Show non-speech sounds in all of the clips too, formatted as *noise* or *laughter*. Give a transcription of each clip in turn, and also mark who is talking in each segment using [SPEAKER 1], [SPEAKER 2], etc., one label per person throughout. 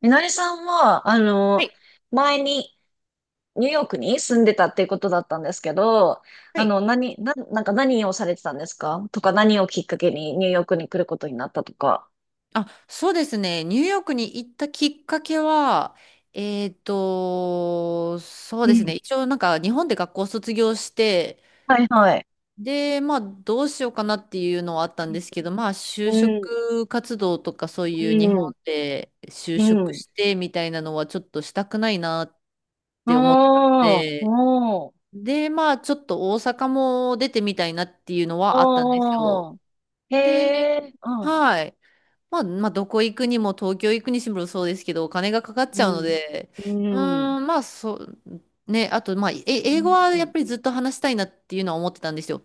[SPEAKER 1] みのりさんは、
[SPEAKER 2] はい。
[SPEAKER 1] 前にニューヨークに住んでたっていうことだったんですけど、
[SPEAKER 2] はい。
[SPEAKER 1] なんか何をされてたんですかとか何をきっかけにニューヨークに来ることになったとか。
[SPEAKER 2] あ、そうですね。ニューヨークに行ったきっかけは、そう
[SPEAKER 1] う
[SPEAKER 2] で
[SPEAKER 1] ん、
[SPEAKER 2] すね。一応なんか日本で学校卒業して、
[SPEAKER 1] はいはい。
[SPEAKER 2] で、まあどうしようかなっていうのはあったんですけど、まあ
[SPEAKER 1] う
[SPEAKER 2] 就
[SPEAKER 1] ん、
[SPEAKER 2] 職活動とかそう
[SPEAKER 1] う
[SPEAKER 2] いう日本
[SPEAKER 1] ん、
[SPEAKER 2] で就
[SPEAKER 1] う
[SPEAKER 2] 職
[SPEAKER 1] ん。
[SPEAKER 2] してみたいなのはちょっとしたくないなって思ってたの
[SPEAKER 1] おー、
[SPEAKER 2] で、
[SPEAKER 1] おー、
[SPEAKER 2] で、まあちょっと大阪も出てみたいなっていうのはあったんですよ。
[SPEAKER 1] おー。へ
[SPEAKER 2] で、
[SPEAKER 1] え、うん、
[SPEAKER 2] はい。まあ、まあ、どこ行くにも、東京行くにしろそうですけど、お金がかかっち
[SPEAKER 1] う
[SPEAKER 2] ゃうの
[SPEAKER 1] ん、
[SPEAKER 2] で、
[SPEAKER 1] うん、
[SPEAKER 2] まあ、そう、ね、あと、まあ、
[SPEAKER 1] う
[SPEAKER 2] 英語
[SPEAKER 1] ん、
[SPEAKER 2] はや
[SPEAKER 1] う
[SPEAKER 2] っぱりずっと話したいなっていうのは思ってたんですよ。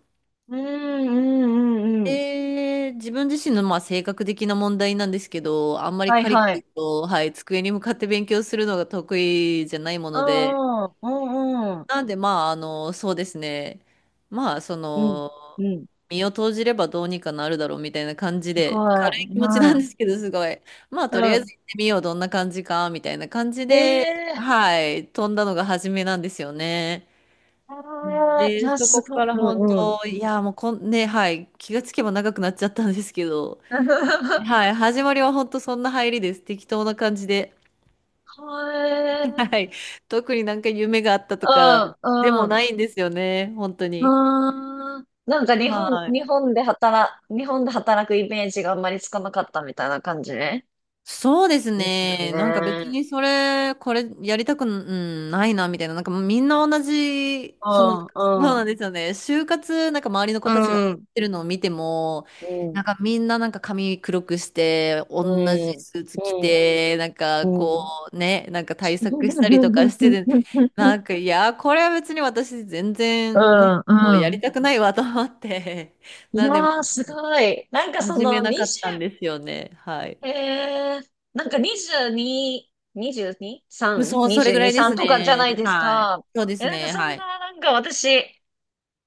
[SPEAKER 1] ん、うん、うん。うん
[SPEAKER 2] 自分自身のまあ性格的な問題なんですけど、あんまり
[SPEAKER 1] はい
[SPEAKER 2] カリカ
[SPEAKER 1] は
[SPEAKER 2] リ
[SPEAKER 1] い。
[SPEAKER 2] と、はい、机に向かって勉強するのが得意じゃないも
[SPEAKER 1] う
[SPEAKER 2] ので、
[SPEAKER 1] ん、うん、うん、
[SPEAKER 2] なんで、まあ、あの、そうですね。まあ、そ
[SPEAKER 1] うん、
[SPEAKER 2] の、
[SPEAKER 1] うん、
[SPEAKER 2] 身を投じればどうにかなるだろうみたいな感じ
[SPEAKER 1] すご
[SPEAKER 2] で、軽い
[SPEAKER 1] い。
[SPEAKER 2] 気持ちな
[SPEAKER 1] は
[SPEAKER 2] んで
[SPEAKER 1] い。
[SPEAKER 2] すけど、すごい。まあ、とりあ
[SPEAKER 1] う
[SPEAKER 2] え
[SPEAKER 1] ん。
[SPEAKER 2] ず行ってみよう、どんな感じか、みたいな感じ
[SPEAKER 1] ええ
[SPEAKER 2] で、
[SPEAKER 1] ーえ
[SPEAKER 2] はい、飛んだのが初めなんですよね。
[SPEAKER 1] ーい
[SPEAKER 2] で、
[SPEAKER 1] や、
[SPEAKER 2] そ
[SPEAKER 1] す
[SPEAKER 2] こ
[SPEAKER 1] ごい。
[SPEAKER 2] から本
[SPEAKER 1] うんうん。
[SPEAKER 2] 当、いや、もうこん、ね、はい、気がつけば長くなっちゃったんですけど、
[SPEAKER 1] *laughs*
[SPEAKER 2] はい、始まりは本当そんな入りです。適当な感じで。
[SPEAKER 1] は
[SPEAKER 2] *laughs* は
[SPEAKER 1] い。
[SPEAKER 2] い、特になんか夢があったと
[SPEAKER 1] う
[SPEAKER 2] かでも
[SPEAKER 1] ん、う
[SPEAKER 2] な
[SPEAKER 1] ん。
[SPEAKER 2] いんですよね、本当
[SPEAKER 1] う
[SPEAKER 2] に。
[SPEAKER 1] ーん。なんか
[SPEAKER 2] はい。
[SPEAKER 1] 日本で働くイメージがあんまりつかなかったみたいな感じね。
[SPEAKER 2] そうです
[SPEAKER 1] ですよ
[SPEAKER 2] ね。なんか別
[SPEAKER 1] ね。
[SPEAKER 2] にこれやりたく、ないな、みたいな。なんかもうみんな同じ、
[SPEAKER 1] う
[SPEAKER 2] そ
[SPEAKER 1] ん、
[SPEAKER 2] う
[SPEAKER 1] うん、
[SPEAKER 2] なんですよね。就活、なんか周りの
[SPEAKER 1] う
[SPEAKER 2] 子たちがやっ
[SPEAKER 1] ん、うん、
[SPEAKER 2] てるのを見ても、
[SPEAKER 1] う
[SPEAKER 2] な
[SPEAKER 1] ん、
[SPEAKER 2] んかみんななんか髪黒くして、同
[SPEAKER 1] う
[SPEAKER 2] じ
[SPEAKER 1] ん。
[SPEAKER 2] スーツ着
[SPEAKER 1] うん、
[SPEAKER 2] て、なんか
[SPEAKER 1] う
[SPEAKER 2] こ
[SPEAKER 1] ん。
[SPEAKER 2] うね、なんか対策したりとかしてて、なんかいや、これは別に私全
[SPEAKER 1] う
[SPEAKER 2] 然、なんかやり
[SPEAKER 1] ん。
[SPEAKER 2] たくないわと思って、
[SPEAKER 1] い
[SPEAKER 2] なんでも
[SPEAKER 1] やー、す
[SPEAKER 2] う
[SPEAKER 1] ごい。なんかそ
[SPEAKER 2] 始め
[SPEAKER 1] のェ5
[SPEAKER 2] なかったんですよね。はい。
[SPEAKER 1] へえ、なんか22、22、
[SPEAKER 2] うん、
[SPEAKER 1] 3、
[SPEAKER 2] そう、それぐら
[SPEAKER 1] 22、
[SPEAKER 2] いで
[SPEAKER 1] 3
[SPEAKER 2] す
[SPEAKER 1] とかじゃない
[SPEAKER 2] ね。
[SPEAKER 1] です
[SPEAKER 2] はい。
[SPEAKER 1] か。
[SPEAKER 2] そうで
[SPEAKER 1] え、
[SPEAKER 2] す
[SPEAKER 1] なんか
[SPEAKER 2] ね。
[SPEAKER 1] そ
[SPEAKER 2] は
[SPEAKER 1] ん
[SPEAKER 2] い。
[SPEAKER 1] な、なんか私、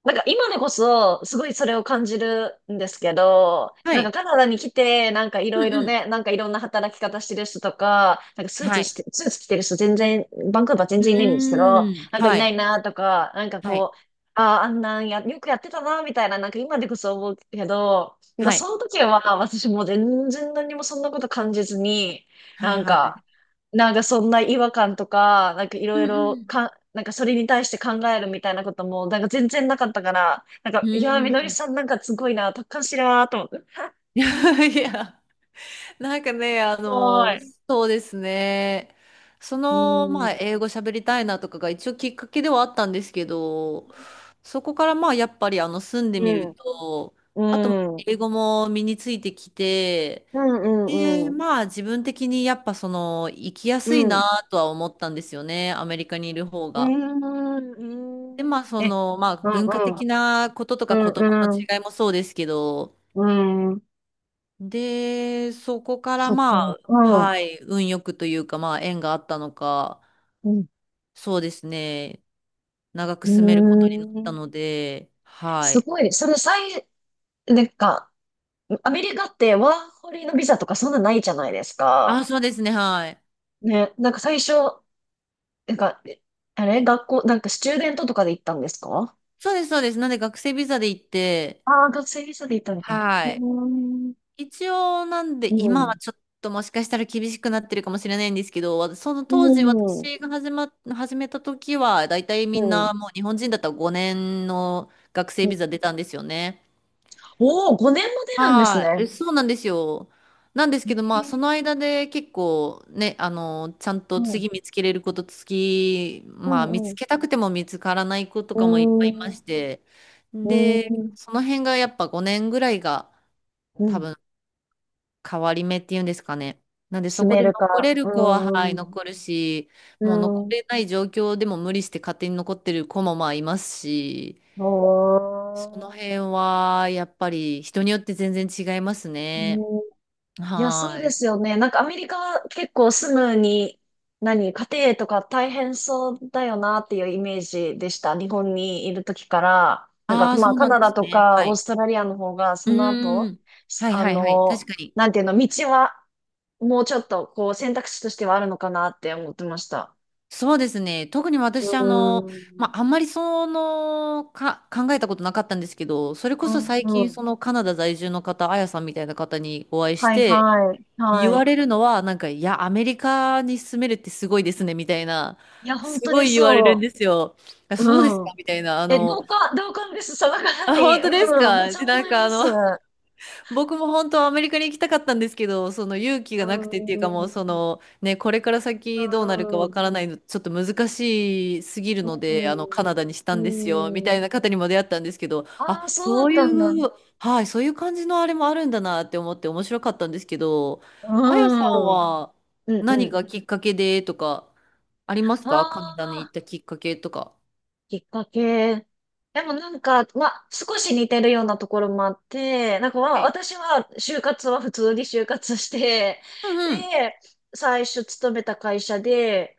[SPEAKER 1] なんか今でこそ、すごいそれを感じるんですけど、
[SPEAKER 2] は
[SPEAKER 1] なん
[SPEAKER 2] い。
[SPEAKER 1] かカナダに来て、なんかい
[SPEAKER 2] う
[SPEAKER 1] ろい
[SPEAKER 2] ん
[SPEAKER 1] ろ
[SPEAKER 2] うん。
[SPEAKER 1] ね、なんかいろんな働き方してる人とか、
[SPEAKER 2] はい。
[SPEAKER 1] スーツ着てる人全然、バンクーバー全
[SPEAKER 2] う
[SPEAKER 1] 然いないんですけど、
[SPEAKER 2] ーん。
[SPEAKER 1] なんかい
[SPEAKER 2] は
[SPEAKER 1] ない
[SPEAKER 2] い。
[SPEAKER 1] なとか、なんか
[SPEAKER 2] はい。
[SPEAKER 1] こう、ああ、あんなんや、よくやってたなみたいな、なんか今でこそ思うけど、なんか
[SPEAKER 2] は
[SPEAKER 1] そ
[SPEAKER 2] い。
[SPEAKER 1] の時は私もう全然何もそんなこと感じずに、
[SPEAKER 2] は
[SPEAKER 1] な
[SPEAKER 2] い
[SPEAKER 1] ん
[SPEAKER 2] は
[SPEAKER 1] か、
[SPEAKER 2] い。
[SPEAKER 1] なんかそんな違和感とか、なんかい
[SPEAKER 2] う
[SPEAKER 1] ろい
[SPEAKER 2] んう
[SPEAKER 1] ろ
[SPEAKER 2] ん。
[SPEAKER 1] か、なんかそれに対して考えるみたいなことも、なんか全然なかったから、なん
[SPEAKER 2] う
[SPEAKER 1] か、いやー、み
[SPEAKER 2] ー
[SPEAKER 1] のり
[SPEAKER 2] ん。
[SPEAKER 1] さんなんかすごいな、達観してるなーと思って。
[SPEAKER 2] *laughs* いやいや。*laughs* なんかね、あ
[SPEAKER 1] すご
[SPEAKER 2] の、
[SPEAKER 1] い。
[SPEAKER 2] そうですね。そ
[SPEAKER 1] う
[SPEAKER 2] の、まあ、
[SPEAKER 1] ん。
[SPEAKER 2] 英語喋りたいなとかが一応きっかけではあったんですけど、そこからまあ、やっぱりあの、住んで
[SPEAKER 1] う
[SPEAKER 2] みる
[SPEAKER 1] ん。
[SPEAKER 2] と、あと、
[SPEAKER 1] うん。
[SPEAKER 2] 英語も身についてきて、
[SPEAKER 1] うんう
[SPEAKER 2] で、
[SPEAKER 1] んうん。
[SPEAKER 2] まあ、自分的にやっぱその、生きや
[SPEAKER 1] う
[SPEAKER 2] すいな
[SPEAKER 1] ん。
[SPEAKER 2] とは思ったんですよね。アメリカにいる方
[SPEAKER 1] う
[SPEAKER 2] が。
[SPEAKER 1] ん。う
[SPEAKER 2] で、ま
[SPEAKER 1] ん。
[SPEAKER 2] あ、そ
[SPEAKER 1] え、
[SPEAKER 2] の、まあ、
[SPEAKER 1] うん
[SPEAKER 2] 文化
[SPEAKER 1] うん。
[SPEAKER 2] 的なことと
[SPEAKER 1] う
[SPEAKER 2] か言葉
[SPEAKER 1] ん
[SPEAKER 2] の
[SPEAKER 1] うん。うんえ
[SPEAKER 2] 違いもそうですけど、
[SPEAKER 1] うんうんうんうんうん
[SPEAKER 2] で、そこから
[SPEAKER 1] そっか。
[SPEAKER 2] まあ、
[SPEAKER 1] うん。
[SPEAKER 2] はい、運よくというか、まあ、縁があったのか、
[SPEAKER 1] うん。
[SPEAKER 2] そうですね、長く住める
[SPEAKER 1] う
[SPEAKER 2] ことになった
[SPEAKER 1] ん。
[SPEAKER 2] ので、は
[SPEAKER 1] す
[SPEAKER 2] い。
[SPEAKER 1] ごい。その最、なんか、アメリカってワーホリのビザとかそんなないじゃないです
[SPEAKER 2] あ、
[SPEAKER 1] か。
[SPEAKER 2] そうですね、はい。
[SPEAKER 1] ね、なんか最初、なんか、あれ学校、なんかスチューデントとかで行ったんですか
[SPEAKER 2] そうです、そうです。なんで学生ビザで行って、
[SPEAKER 1] ああー、学生ビザで行ったみたいな。う
[SPEAKER 2] はい。
[SPEAKER 1] ーん。
[SPEAKER 2] 一応、なんで、
[SPEAKER 1] う
[SPEAKER 2] 今
[SPEAKER 1] ん。
[SPEAKER 2] はちょっともしかしたら厳しくなってるかもしれないんですけど、わその
[SPEAKER 1] う
[SPEAKER 2] 当時
[SPEAKER 1] ん。うん。
[SPEAKER 2] 私が始めた時は、だいたいみんなもう日本人だったら5年の学
[SPEAKER 1] う
[SPEAKER 2] 生ビ
[SPEAKER 1] ん
[SPEAKER 2] ザ出たんですよね。
[SPEAKER 1] おおー、5年も出るんですね。
[SPEAKER 2] はい、そうなんですよ。なんです
[SPEAKER 1] え
[SPEAKER 2] けど、まあ、そ
[SPEAKER 1] え
[SPEAKER 2] の間で結構ね、あの、ちゃん
[SPEAKER 1] う
[SPEAKER 2] と
[SPEAKER 1] ん。
[SPEAKER 2] 次見つけれること、次、
[SPEAKER 1] う
[SPEAKER 2] まあ、見
[SPEAKER 1] ん。う
[SPEAKER 2] つ
[SPEAKER 1] ん。
[SPEAKER 2] けたくても見つからない子と
[SPEAKER 1] う
[SPEAKER 2] かもいっぱい
[SPEAKER 1] ー
[SPEAKER 2] いま
[SPEAKER 1] ん。
[SPEAKER 2] して、
[SPEAKER 1] う
[SPEAKER 2] で、
[SPEAKER 1] ーん。
[SPEAKER 2] その辺がやっぱ5年ぐらいが
[SPEAKER 1] う
[SPEAKER 2] 多
[SPEAKER 1] ん。
[SPEAKER 2] 分変わり目っていうんですかね。なんで、そ
[SPEAKER 1] 住
[SPEAKER 2] こ
[SPEAKER 1] め
[SPEAKER 2] で
[SPEAKER 1] るか。
[SPEAKER 2] 残れ
[SPEAKER 1] う
[SPEAKER 2] る子は、はい、
[SPEAKER 1] ーん。
[SPEAKER 2] 残るし、
[SPEAKER 1] う
[SPEAKER 2] もう残
[SPEAKER 1] ん。
[SPEAKER 2] れない状況でも無理して勝手に残ってる子もまあいますし、
[SPEAKER 1] お
[SPEAKER 2] その
[SPEAKER 1] ー。
[SPEAKER 2] 辺はやっぱり人によって全然違いますね。
[SPEAKER 1] いや、
[SPEAKER 2] は
[SPEAKER 1] そうで
[SPEAKER 2] ーい。
[SPEAKER 1] すよね。なんかアメリカは結構住むに、何、家庭とか大変そうだよなっていうイメージでした。日本にいる時から。なんか
[SPEAKER 2] ああ、
[SPEAKER 1] まあ
[SPEAKER 2] そう
[SPEAKER 1] カ
[SPEAKER 2] なん
[SPEAKER 1] ナ
[SPEAKER 2] で
[SPEAKER 1] ダ
[SPEAKER 2] す
[SPEAKER 1] と
[SPEAKER 2] ね。
[SPEAKER 1] か
[SPEAKER 2] は
[SPEAKER 1] オー
[SPEAKER 2] い。
[SPEAKER 1] ストラリアの方がそ
[SPEAKER 2] う
[SPEAKER 1] の
[SPEAKER 2] ー
[SPEAKER 1] 後、
[SPEAKER 2] ん。はい
[SPEAKER 1] あ
[SPEAKER 2] はいはい。
[SPEAKER 1] の、
[SPEAKER 2] 確かに。
[SPEAKER 1] なんていうの、道はもうちょっとこう選択肢としてはあるのかなって思ってました。
[SPEAKER 2] そうですね。特に
[SPEAKER 1] う
[SPEAKER 2] 私、あ
[SPEAKER 1] ー
[SPEAKER 2] の、ま
[SPEAKER 1] ん。
[SPEAKER 2] あ、あんまりその、考えたことなかったんですけど、それこ
[SPEAKER 1] う
[SPEAKER 2] そ
[SPEAKER 1] ん
[SPEAKER 2] 最
[SPEAKER 1] う
[SPEAKER 2] 近、そ
[SPEAKER 1] ん。
[SPEAKER 2] のカナダ在住の方、あやさんみたいな方にお会いし
[SPEAKER 1] はい
[SPEAKER 2] て、
[SPEAKER 1] はい。
[SPEAKER 2] 言
[SPEAKER 1] は
[SPEAKER 2] わ
[SPEAKER 1] い。
[SPEAKER 2] れるのは、なんか、いや、アメリカに住めるってすごいですね、みたいな、
[SPEAKER 1] いや、本
[SPEAKER 2] す
[SPEAKER 1] 当
[SPEAKER 2] ご
[SPEAKER 1] に
[SPEAKER 2] い言われるん
[SPEAKER 1] そ
[SPEAKER 2] ですよ。あ、
[SPEAKER 1] う。
[SPEAKER 2] そうです
[SPEAKER 1] う
[SPEAKER 2] か、
[SPEAKER 1] ん。
[SPEAKER 2] みたいな、あ
[SPEAKER 1] え、
[SPEAKER 2] の、
[SPEAKER 1] 同感です。その方
[SPEAKER 2] あ、本
[SPEAKER 1] に。
[SPEAKER 2] 当です
[SPEAKER 1] うん。めっ
[SPEAKER 2] か。
[SPEAKER 1] ちゃ
[SPEAKER 2] で、な
[SPEAKER 1] 思
[SPEAKER 2] ん
[SPEAKER 1] い
[SPEAKER 2] か、
[SPEAKER 1] ま
[SPEAKER 2] あ
[SPEAKER 1] す。
[SPEAKER 2] の、僕も本当はアメリカに行きたかったんですけど、その勇気が
[SPEAKER 1] あ
[SPEAKER 2] なくてっていうか、も
[SPEAKER 1] ー
[SPEAKER 2] うそのね、これから
[SPEAKER 1] あ
[SPEAKER 2] 先どうなるかわ
[SPEAKER 1] ー
[SPEAKER 2] からないの、ちょっと難しすぎるので、あのカ
[SPEAKER 1] う
[SPEAKER 2] ナダにした
[SPEAKER 1] ん、
[SPEAKER 2] んですよ、み
[SPEAKER 1] う
[SPEAKER 2] た
[SPEAKER 1] ん。
[SPEAKER 2] いな方にも出会ったんですけど、
[SPEAKER 1] ああ、
[SPEAKER 2] あ、
[SPEAKER 1] そうだ
[SPEAKER 2] そ
[SPEAKER 1] っ
[SPEAKER 2] うい
[SPEAKER 1] たんだ。
[SPEAKER 2] う、はい、そういう感じのあれもあるんだなって思って面白かったんですけど、
[SPEAKER 1] う
[SPEAKER 2] あやさん
[SPEAKER 1] ん。うん、
[SPEAKER 2] は
[SPEAKER 1] う
[SPEAKER 2] 何
[SPEAKER 1] ん。
[SPEAKER 2] がきっかけでとかありますか、カナダに
[SPEAKER 1] あ
[SPEAKER 2] 行ったきっかけとか。
[SPEAKER 1] きっかけ。でもなんか、まあ、少し似てるようなところもあって、なんかま
[SPEAKER 2] は
[SPEAKER 1] あ、
[SPEAKER 2] い。
[SPEAKER 1] 私は就活は普通に就活して、
[SPEAKER 2] うんうん。
[SPEAKER 1] で、最初勤めた会社で、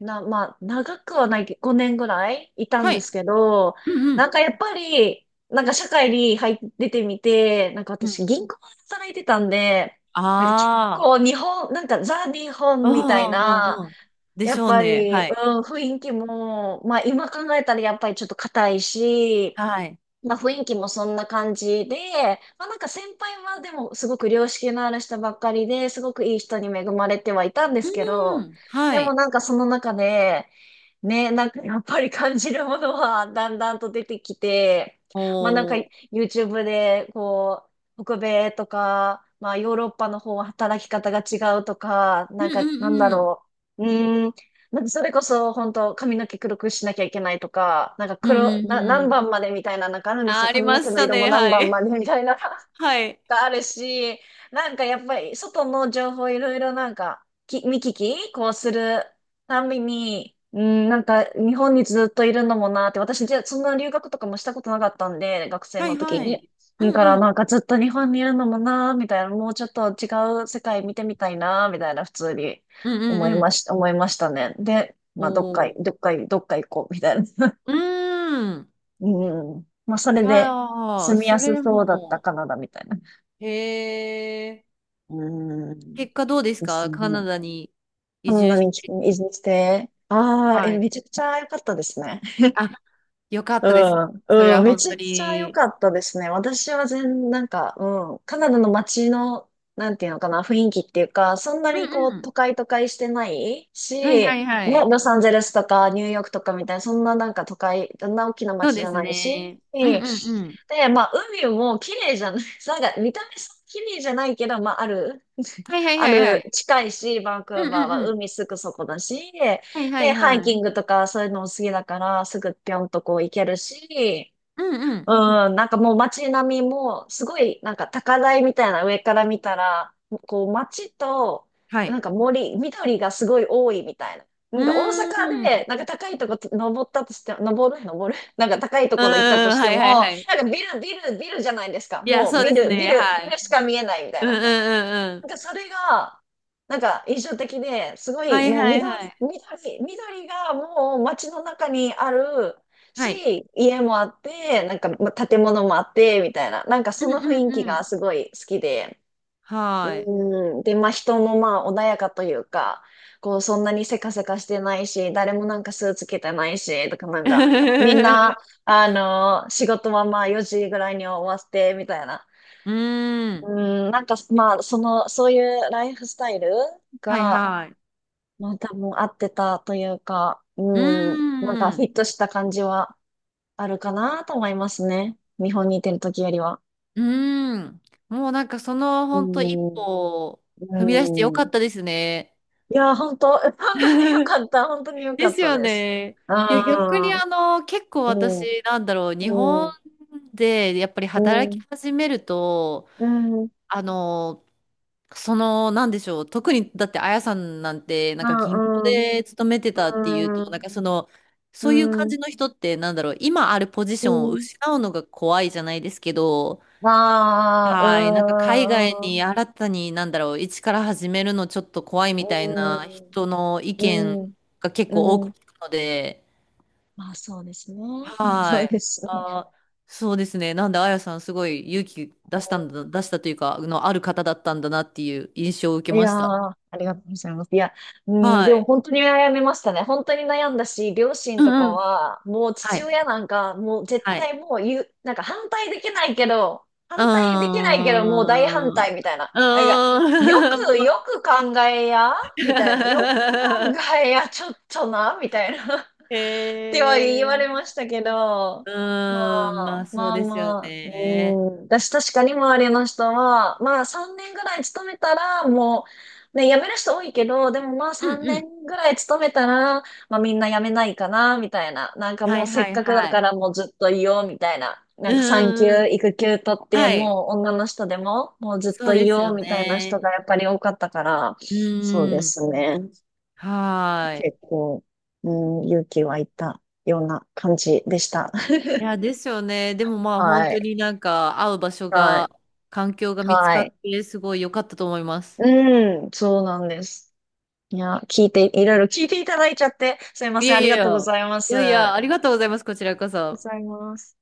[SPEAKER 1] まあ、長くはないけど、5年ぐらいいたん
[SPEAKER 2] は
[SPEAKER 1] で
[SPEAKER 2] い。
[SPEAKER 1] すけど、
[SPEAKER 2] うんう
[SPEAKER 1] なん
[SPEAKER 2] ん。
[SPEAKER 1] かやっぱり、なんか社会に入って出てみて、なんか
[SPEAKER 2] うん。
[SPEAKER 1] 私銀行で働いてたんで、なんか結
[SPEAKER 2] あ
[SPEAKER 1] 構
[SPEAKER 2] あ。
[SPEAKER 1] なんかザ・日
[SPEAKER 2] う
[SPEAKER 1] 本
[SPEAKER 2] んう
[SPEAKER 1] みたい
[SPEAKER 2] ん
[SPEAKER 1] な、
[SPEAKER 2] うんうん。で
[SPEAKER 1] や
[SPEAKER 2] し
[SPEAKER 1] っ
[SPEAKER 2] ょう
[SPEAKER 1] ぱ
[SPEAKER 2] ね。
[SPEAKER 1] り、う
[SPEAKER 2] はい。
[SPEAKER 1] ん、雰囲気も、まあ今考えたらやっぱりちょっと硬いし、
[SPEAKER 2] はい。
[SPEAKER 1] まあ雰囲気もそんな感じで、まあなんか先輩はでもすごく良識のある人ばっかりで、すごくいい人に恵まれてはいたんですけ
[SPEAKER 2] う
[SPEAKER 1] ど、
[SPEAKER 2] ん。は
[SPEAKER 1] でも
[SPEAKER 2] い。
[SPEAKER 1] なんかその中で、ね、なんかやっぱり感じるものはだんだんと出てきて、まあなんか
[SPEAKER 2] おー。
[SPEAKER 1] YouTube でこう、北米とか、まあヨーロッパの方は働き方が違うとか、
[SPEAKER 2] うん
[SPEAKER 1] なんかなんだ
[SPEAKER 2] うんうん。
[SPEAKER 1] ろう、うーん、なんかそれこそ本当髪の毛黒くしなきゃいけないとか、なんか
[SPEAKER 2] うんうんう
[SPEAKER 1] 何
[SPEAKER 2] ん。
[SPEAKER 1] 番までみたいななんかあるんです
[SPEAKER 2] あ、
[SPEAKER 1] よ。
[SPEAKER 2] あり
[SPEAKER 1] 髪の
[SPEAKER 2] ま
[SPEAKER 1] 毛
[SPEAKER 2] し
[SPEAKER 1] の
[SPEAKER 2] た
[SPEAKER 1] 色も
[SPEAKER 2] ね。
[SPEAKER 1] 何
[SPEAKER 2] は
[SPEAKER 1] 番
[SPEAKER 2] い。
[SPEAKER 1] までみたいな。
[SPEAKER 2] はい。
[SPEAKER 1] があるし、なんかやっぱり外の情報いろいろなんか見聞きこうするたんびに、うん、なんか日本にずっといるのもなって、私じゃそんな留学とかもしたことなかったんで、学生
[SPEAKER 2] は
[SPEAKER 1] の
[SPEAKER 2] い
[SPEAKER 1] 時
[SPEAKER 2] は
[SPEAKER 1] に。
[SPEAKER 2] い。う
[SPEAKER 1] だか
[SPEAKER 2] んう
[SPEAKER 1] ら
[SPEAKER 2] ん。
[SPEAKER 1] なんかずっと日本にいるのもなみたいな、もうちょっと違う世界見てみたいなみたいな普通に
[SPEAKER 2] うんうんうん。
[SPEAKER 1] 思いましたね。で、まあ
[SPEAKER 2] おー。
[SPEAKER 1] どっか行こうみたいな。*laughs*
[SPEAKER 2] うーん。
[SPEAKER 1] うん。まあそ
[SPEAKER 2] い
[SPEAKER 1] れ
[SPEAKER 2] や
[SPEAKER 1] で
[SPEAKER 2] ー、
[SPEAKER 1] 住みや
[SPEAKER 2] それ
[SPEAKER 1] す
[SPEAKER 2] で
[SPEAKER 1] そうだった
[SPEAKER 2] も、
[SPEAKER 1] カナダみたいな。
[SPEAKER 2] へえ。
[SPEAKER 1] うーん。
[SPEAKER 2] 結果どうです
[SPEAKER 1] です
[SPEAKER 2] か
[SPEAKER 1] ね。
[SPEAKER 2] カナダに
[SPEAKER 1] カ
[SPEAKER 2] 移
[SPEAKER 1] ナダ
[SPEAKER 2] 住し
[SPEAKER 1] に
[SPEAKER 2] て。
[SPEAKER 1] 移住して、ああ、
[SPEAKER 2] はい。
[SPEAKER 1] めちゃくちゃ良かったですね。
[SPEAKER 2] あ、よかっ
[SPEAKER 1] う
[SPEAKER 2] たです。
[SPEAKER 1] ん、
[SPEAKER 2] それ
[SPEAKER 1] う
[SPEAKER 2] は
[SPEAKER 1] ん、め
[SPEAKER 2] 本
[SPEAKER 1] ちゃ
[SPEAKER 2] 当
[SPEAKER 1] くちゃ良
[SPEAKER 2] に。
[SPEAKER 1] かったですね。私はなんか、うん、カナダの街の、なんていうのかな、雰囲気っていうか、そんな
[SPEAKER 2] う
[SPEAKER 1] にこ
[SPEAKER 2] ん
[SPEAKER 1] う、
[SPEAKER 2] うん。
[SPEAKER 1] 都会都会してないし、
[SPEAKER 2] はいは
[SPEAKER 1] ね、
[SPEAKER 2] いはい。
[SPEAKER 1] ロサンゼルスとかニューヨークとかみたいな、そんななんか都会、そんな大きな
[SPEAKER 2] そう
[SPEAKER 1] 街じ
[SPEAKER 2] で
[SPEAKER 1] ゃ
[SPEAKER 2] す
[SPEAKER 1] ないし、
[SPEAKER 2] ね。うんう
[SPEAKER 1] で、
[SPEAKER 2] んうん。
[SPEAKER 1] まあ、海も綺麗じゃない、*laughs* なんか見た目そんな綺麗じゃないけど、まあ、ある
[SPEAKER 2] はいはい
[SPEAKER 1] あ
[SPEAKER 2] はいは
[SPEAKER 1] る、
[SPEAKER 2] い。
[SPEAKER 1] 近いし、バンク
[SPEAKER 2] う
[SPEAKER 1] ー
[SPEAKER 2] ん
[SPEAKER 1] バ
[SPEAKER 2] う
[SPEAKER 1] ー
[SPEAKER 2] ん
[SPEAKER 1] は
[SPEAKER 2] うん。
[SPEAKER 1] 海すぐそこだし、
[SPEAKER 2] はいは
[SPEAKER 1] で、
[SPEAKER 2] い
[SPEAKER 1] ハイ
[SPEAKER 2] は
[SPEAKER 1] キ
[SPEAKER 2] い。
[SPEAKER 1] ングとかそういうのも好きだから、すぐぴょんとこう行けるし、
[SPEAKER 2] うんう
[SPEAKER 1] う
[SPEAKER 2] ん。
[SPEAKER 1] ん、なんかもう街並みも、すごいなんか高台みたいな上から見たら、こう街と、
[SPEAKER 2] は
[SPEAKER 1] な
[SPEAKER 2] い。
[SPEAKER 1] んか森、緑がすごい多いみたいな。な
[SPEAKER 2] う
[SPEAKER 1] んか大
[SPEAKER 2] ーん。
[SPEAKER 1] 阪
[SPEAKER 2] うん
[SPEAKER 1] で、なんか高いとこ登ったとして、登る、登る、なんか高いと
[SPEAKER 2] うん。
[SPEAKER 1] ころ行ったとして
[SPEAKER 2] は
[SPEAKER 1] も、
[SPEAKER 2] いはい
[SPEAKER 1] な
[SPEAKER 2] はい。
[SPEAKER 1] んかビル、ビル、ビルじゃないですか。
[SPEAKER 2] いや、
[SPEAKER 1] もう
[SPEAKER 2] そう
[SPEAKER 1] ビ
[SPEAKER 2] です
[SPEAKER 1] ル、ビ
[SPEAKER 2] ね。
[SPEAKER 1] ル、
[SPEAKER 2] は
[SPEAKER 1] ビ
[SPEAKER 2] い。
[SPEAKER 1] ルしか見えないみたい
[SPEAKER 2] うん
[SPEAKER 1] な。
[SPEAKER 2] うんうんう
[SPEAKER 1] な
[SPEAKER 2] ん。
[SPEAKER 1] んかそれが、なんか印象的で、すご
[SPEAKER 2] は
[SPEAKER 1] い
[SPEAKER 2] い
[SPEAKER 1] もう
[SPEAKER 2] はいは
[SPEAKER 1] 緑、
[SPEAKER 2] い。
[SPEAKER 1] 緑、緑がもう街の中にある
[SPEAKER 2] はい。
[SPEAKER 1] し、家もあって、なんか建物もあって、みたいな、なんか
[SPEAKER 2] う
[SPEAKER 1] そ
[SPEAKER 2] ん
[SPEAKER 1] の
[SPEAKER 2] う
[SPEAKER 1] 雰囲
[SPEAKER 2] ん
[SPEAKER 1] 気
[SPEAKER 2] う
[SPEAKER 1] が
[SPEAKER 2] ん。
[SPEAKER 1] すごい好きで、
[SPEAKER 2] はい。
[SPEAKER 1] うん、で、まあ人もまあ穏やかというか、こうそんなにせかせかしてないし、誰もなんかスーツ着てないし、とかなんか、みん
[SPEAKER 2] *laughs*
[SPEAKER 1] な、仕事はまあ4時ぐらいに終わって、みたいな。
[SPEAKER 2] うーん。
[SPEAKER 1] うん、なんか、まあ、そういうライフスタイル
[SPEAKER 2] はい
[SPEAKER 1] が、
[SPEAKER 2] はい。
[SPEAKER 1] まあ、多分合ってたというか、
[SPEAKER 2] う
[SPEAKER 1] うん、なんか
[SPEAKER 2] ー
[SPEAKER 1] フ
[SPEAKER 2] ん。
[SPEAKER 1] ィットした感じはあるかなと思いますね。日本にいてる時よりは。
[SPEAKER 2] うーん。もうなんかその
[SPEAKER 1] う
[SPEAKER 2] 本当一歩
[SPEAKER 1] ん、
[SPEAKER 2] を踏み出してよ
[SPEAKER 1] う
[SPEAKER 2] か
[SPEAKER 1] ん。
[SPEAKER 2] ったですね。
[SPEAKER 1] いや、本当、*laughs* 本当に良
[SPEAKER 2] *laughs*
[SPEAKER 1] かった。本当に良か
[SPEAKER 2] で
[SPEAKER 1] っ
[SPEAKER 2] す
[SPEAKER 1] た
[SPEAKER 2] よ
[SPEAKER 1] です。
[SPEAKER 2] ね。
[SPEAKER 1] う
[SPEAKER 2] いや、逆に
[SPEAKER 1] ん、
[SPEAKER 2] あの、結構
[SPEAKER 1] うん、
[SPEAKER 2] 私、なんだろう、日本
[SPEAKER 1] うん、
[SPEAKER 2] でやっぱり
[SPEAKER 1] う
[SPEAKER 2] 働き
[SPEAKER 1] ん、
[SPEAKER 2] 始めると、
[SPEAKER 1] うん、う
[SPEAKER 2] あの、その、なんでしょう、特にだって、あやさんなんて、な
[SPEAKER 1] ん、
[SPEAKER 2] んか銀行
[SPEAKER 1] うん、
[SPEAKER 2] で勤めてたっていうと、
[SPEAKER 1] う
[SPEAKER 2] なんかその、そういう
[SPEAKER 1] ん、う
[SPEAKER 2] 感
[SPEAKER 1] ん、
[SPEAKER 2] じの人って、なんだろう、今あるポジションを失うのが怖いじゃないですけど、
[SPEAKER 1] あ
[SPEAKER 2] はい、なんか海外
[SPEAKER 1] あ、うーん、
[SPEAKER 2] に新たに、なんだろう、一から始めるのちょっと怖い
[SPEAKER 1] う
[SPEAKER 2] みたいな
[SPEAKER 1] ーん。
[SPEAKER 2] 人の意
[SPEAKER 1] う
[SPEAKER 2] 見
[SPEAKER 1] ん、
[SPEAKER 2] が結構多
[SPEAKER 1] う
[SPEAKER 2] く聞
[SPEAKER 1] ん。
[SPEAKER 2] くので、
[SPEAKER 1] まあそうですね。うんそ
[SPEAKER 2] は
[SPEAKER 1] うで
[SPEAKER 2] い。
[SPEAKER 1] すね。
[SPEAKER 2] あー、そうですね。なんで、あやさん、すごい勇気
[SPEAKER 1] う
[SPEAKER 2] 出したんだ、
[SPEAKER 1] ん
[SPEAKER 2] 出したというか、あの、ある方だったんだなっていう印象を受け
[SPEAKER 1] い
[SPEAKER 2] ま
[SPEAKER 1] やー、
[SPEAKER 2] した。
[SPEAKER 1] ありがとうございます。いや、うん、
[SPEAKER 2] は
[SPEAKER 1] でも
[SPEAKER 2] い。
[SPEAKER 1] 本当に悩みましたね。本当に悩んだし、両親
[SPEAKER 2] う
[SPEAKER 1] と
[SPEAKER 2] ん
[SPEAKER 1] か
[SPEAKER 2] うん。
[SPEAKER 1] は、もう
[SPEAKER 2] は
[SPEAKER 1] 父
[SPEAKER 2] い。
[SPEAKER 1] 親なんか、もう絶
[SPEAKER 2] はい。
[SPEAKER 1] 対もう言う、なんか反対できないけど、
[SPEAKER 2] うー
[SPEAKER 1] 反対できないけど、もう大反
[SPEAKER 2] ん。う
[SPEAKER 1] 対みたいな。なんか、
[SPEAKER 2] ーん。*laughs* も
[SPEAKER 1] よ
[SPEAKER 2] う。
[SPEAKER 1] く考えや、みたいな。よく考
[SPEAKER 2] *laughs*
[SPEAKER 1] えや、ちょっとな、みたいな。ては言われま
[SPEAKER 2] え
[SPEAKER 1] したけど、
[SPEAKER 2] ー。う
[SPEAKER 1] ま
[SPEAKER 2] ーん。まあ、
[SPEAKER 1] あ、
[SPEAKER 2] そう
[SPEAKER 1] まあ
[SPEAKER 2] ですよ
[SPEAKER 1] まあ、
[SPEAKER 2] ね。
[SPEAKER 1] うん、私確かに周りの人は、まあ3年ぐらい勤めたら、もう、ね、辞める人多いけど、でもまあ
[SPEAKER 2] う
[SPEAKER 1] 3
[SPEAKER 2] んうん。
[SPEAKER 1] 年ぐらい勤めたら、まあみんな辞めないかな、みたいな。なんか
[SPEAKER 2] は
[SPEAKER 1] もう
[SPEAKER 2] い
[SPEAKER 1] せ
[SPEAKER 2] は
[SPEAKER 1] っ
[SPEAKER 2] い
[SPEAKER 1] かくだ
[SPEAKER 2] は
[SPEAKER 1] か
[SPEAKER 2] い。
[SPEAKER 1] らもうずっといよう、みたいな。な
[SPEAKER 2] う
[SPEAKER 1] ん
[SPEAKER 2] ん
[SPEAKER 1] か産
[SPEAKER 2] うんう
[SPEAKER 1] 休、
[SPEAKER 2] ん。
[SPEAKER 1] 育休取って、
[SPEAKER 2] はい。
[SPEAKER 1] もう女の人でも、もうずっ
[SPEAKER 2] そ
[SPEAKER 1] と
[SPEAKER 2] う
[SPEAKER 1] い
[SPEAKER 2] です
[SPEAKER 1] よ
[SPEAKER 2] よ
[SPEAKER 1] う、みたいな人
[SPEAKER 2] ね。
[SPEAKER 1] がやっぱり多かったから、
[SPEAKER 2] う
[SPEAKER 1] そうで
[SPEAKER 2] ーん。
[SPEAKER 1] すね。
[SPEAKER 2] はーい。
[SPEAKER 1] 結構、うん、勇気湧いたような感じでした。*laughs*
[SPEAKER 2] いや、ですよね。でもまあ本
[SPEAKER 1] は
[SPEAKER 2] 当
[SPEAKER 1] い。
[SPEAKER 2] になんか会う場所
[SPEAKER 1] はい。
[SPEAKER 2] が、環境が見つ
[SPEAKER 1] は
[SPEAKER 2] か
[SPEAKER 1] い。
[SPEAKER 2] ってすごい良かったと思います。
[SPEAKER 1] うん、そうなんです。いや、聞いて、いろいろ聞いていただいちゃって、すいま
[SPEAKER 2] い
[SPEAKER 1] せ
[SPEAKER 2] や
[SPEAKER 1] ん。あ
[SPEAKER 2] い
[SPEAKER 1] り
[SPEAKER 2] やい
[SPEAKER 1] がとうご
[SPEAKER 2] や、
[SPEAKER 1] ざいま
[SPEAKER 2] いやいや、
[SPEAKER 1] す。
[SPEAKER 2] ありがとうございます。こちらこ
[SPEAKER 1] ご
[SPEAKER 2] そ。
[SPEAKER 1] ざいます。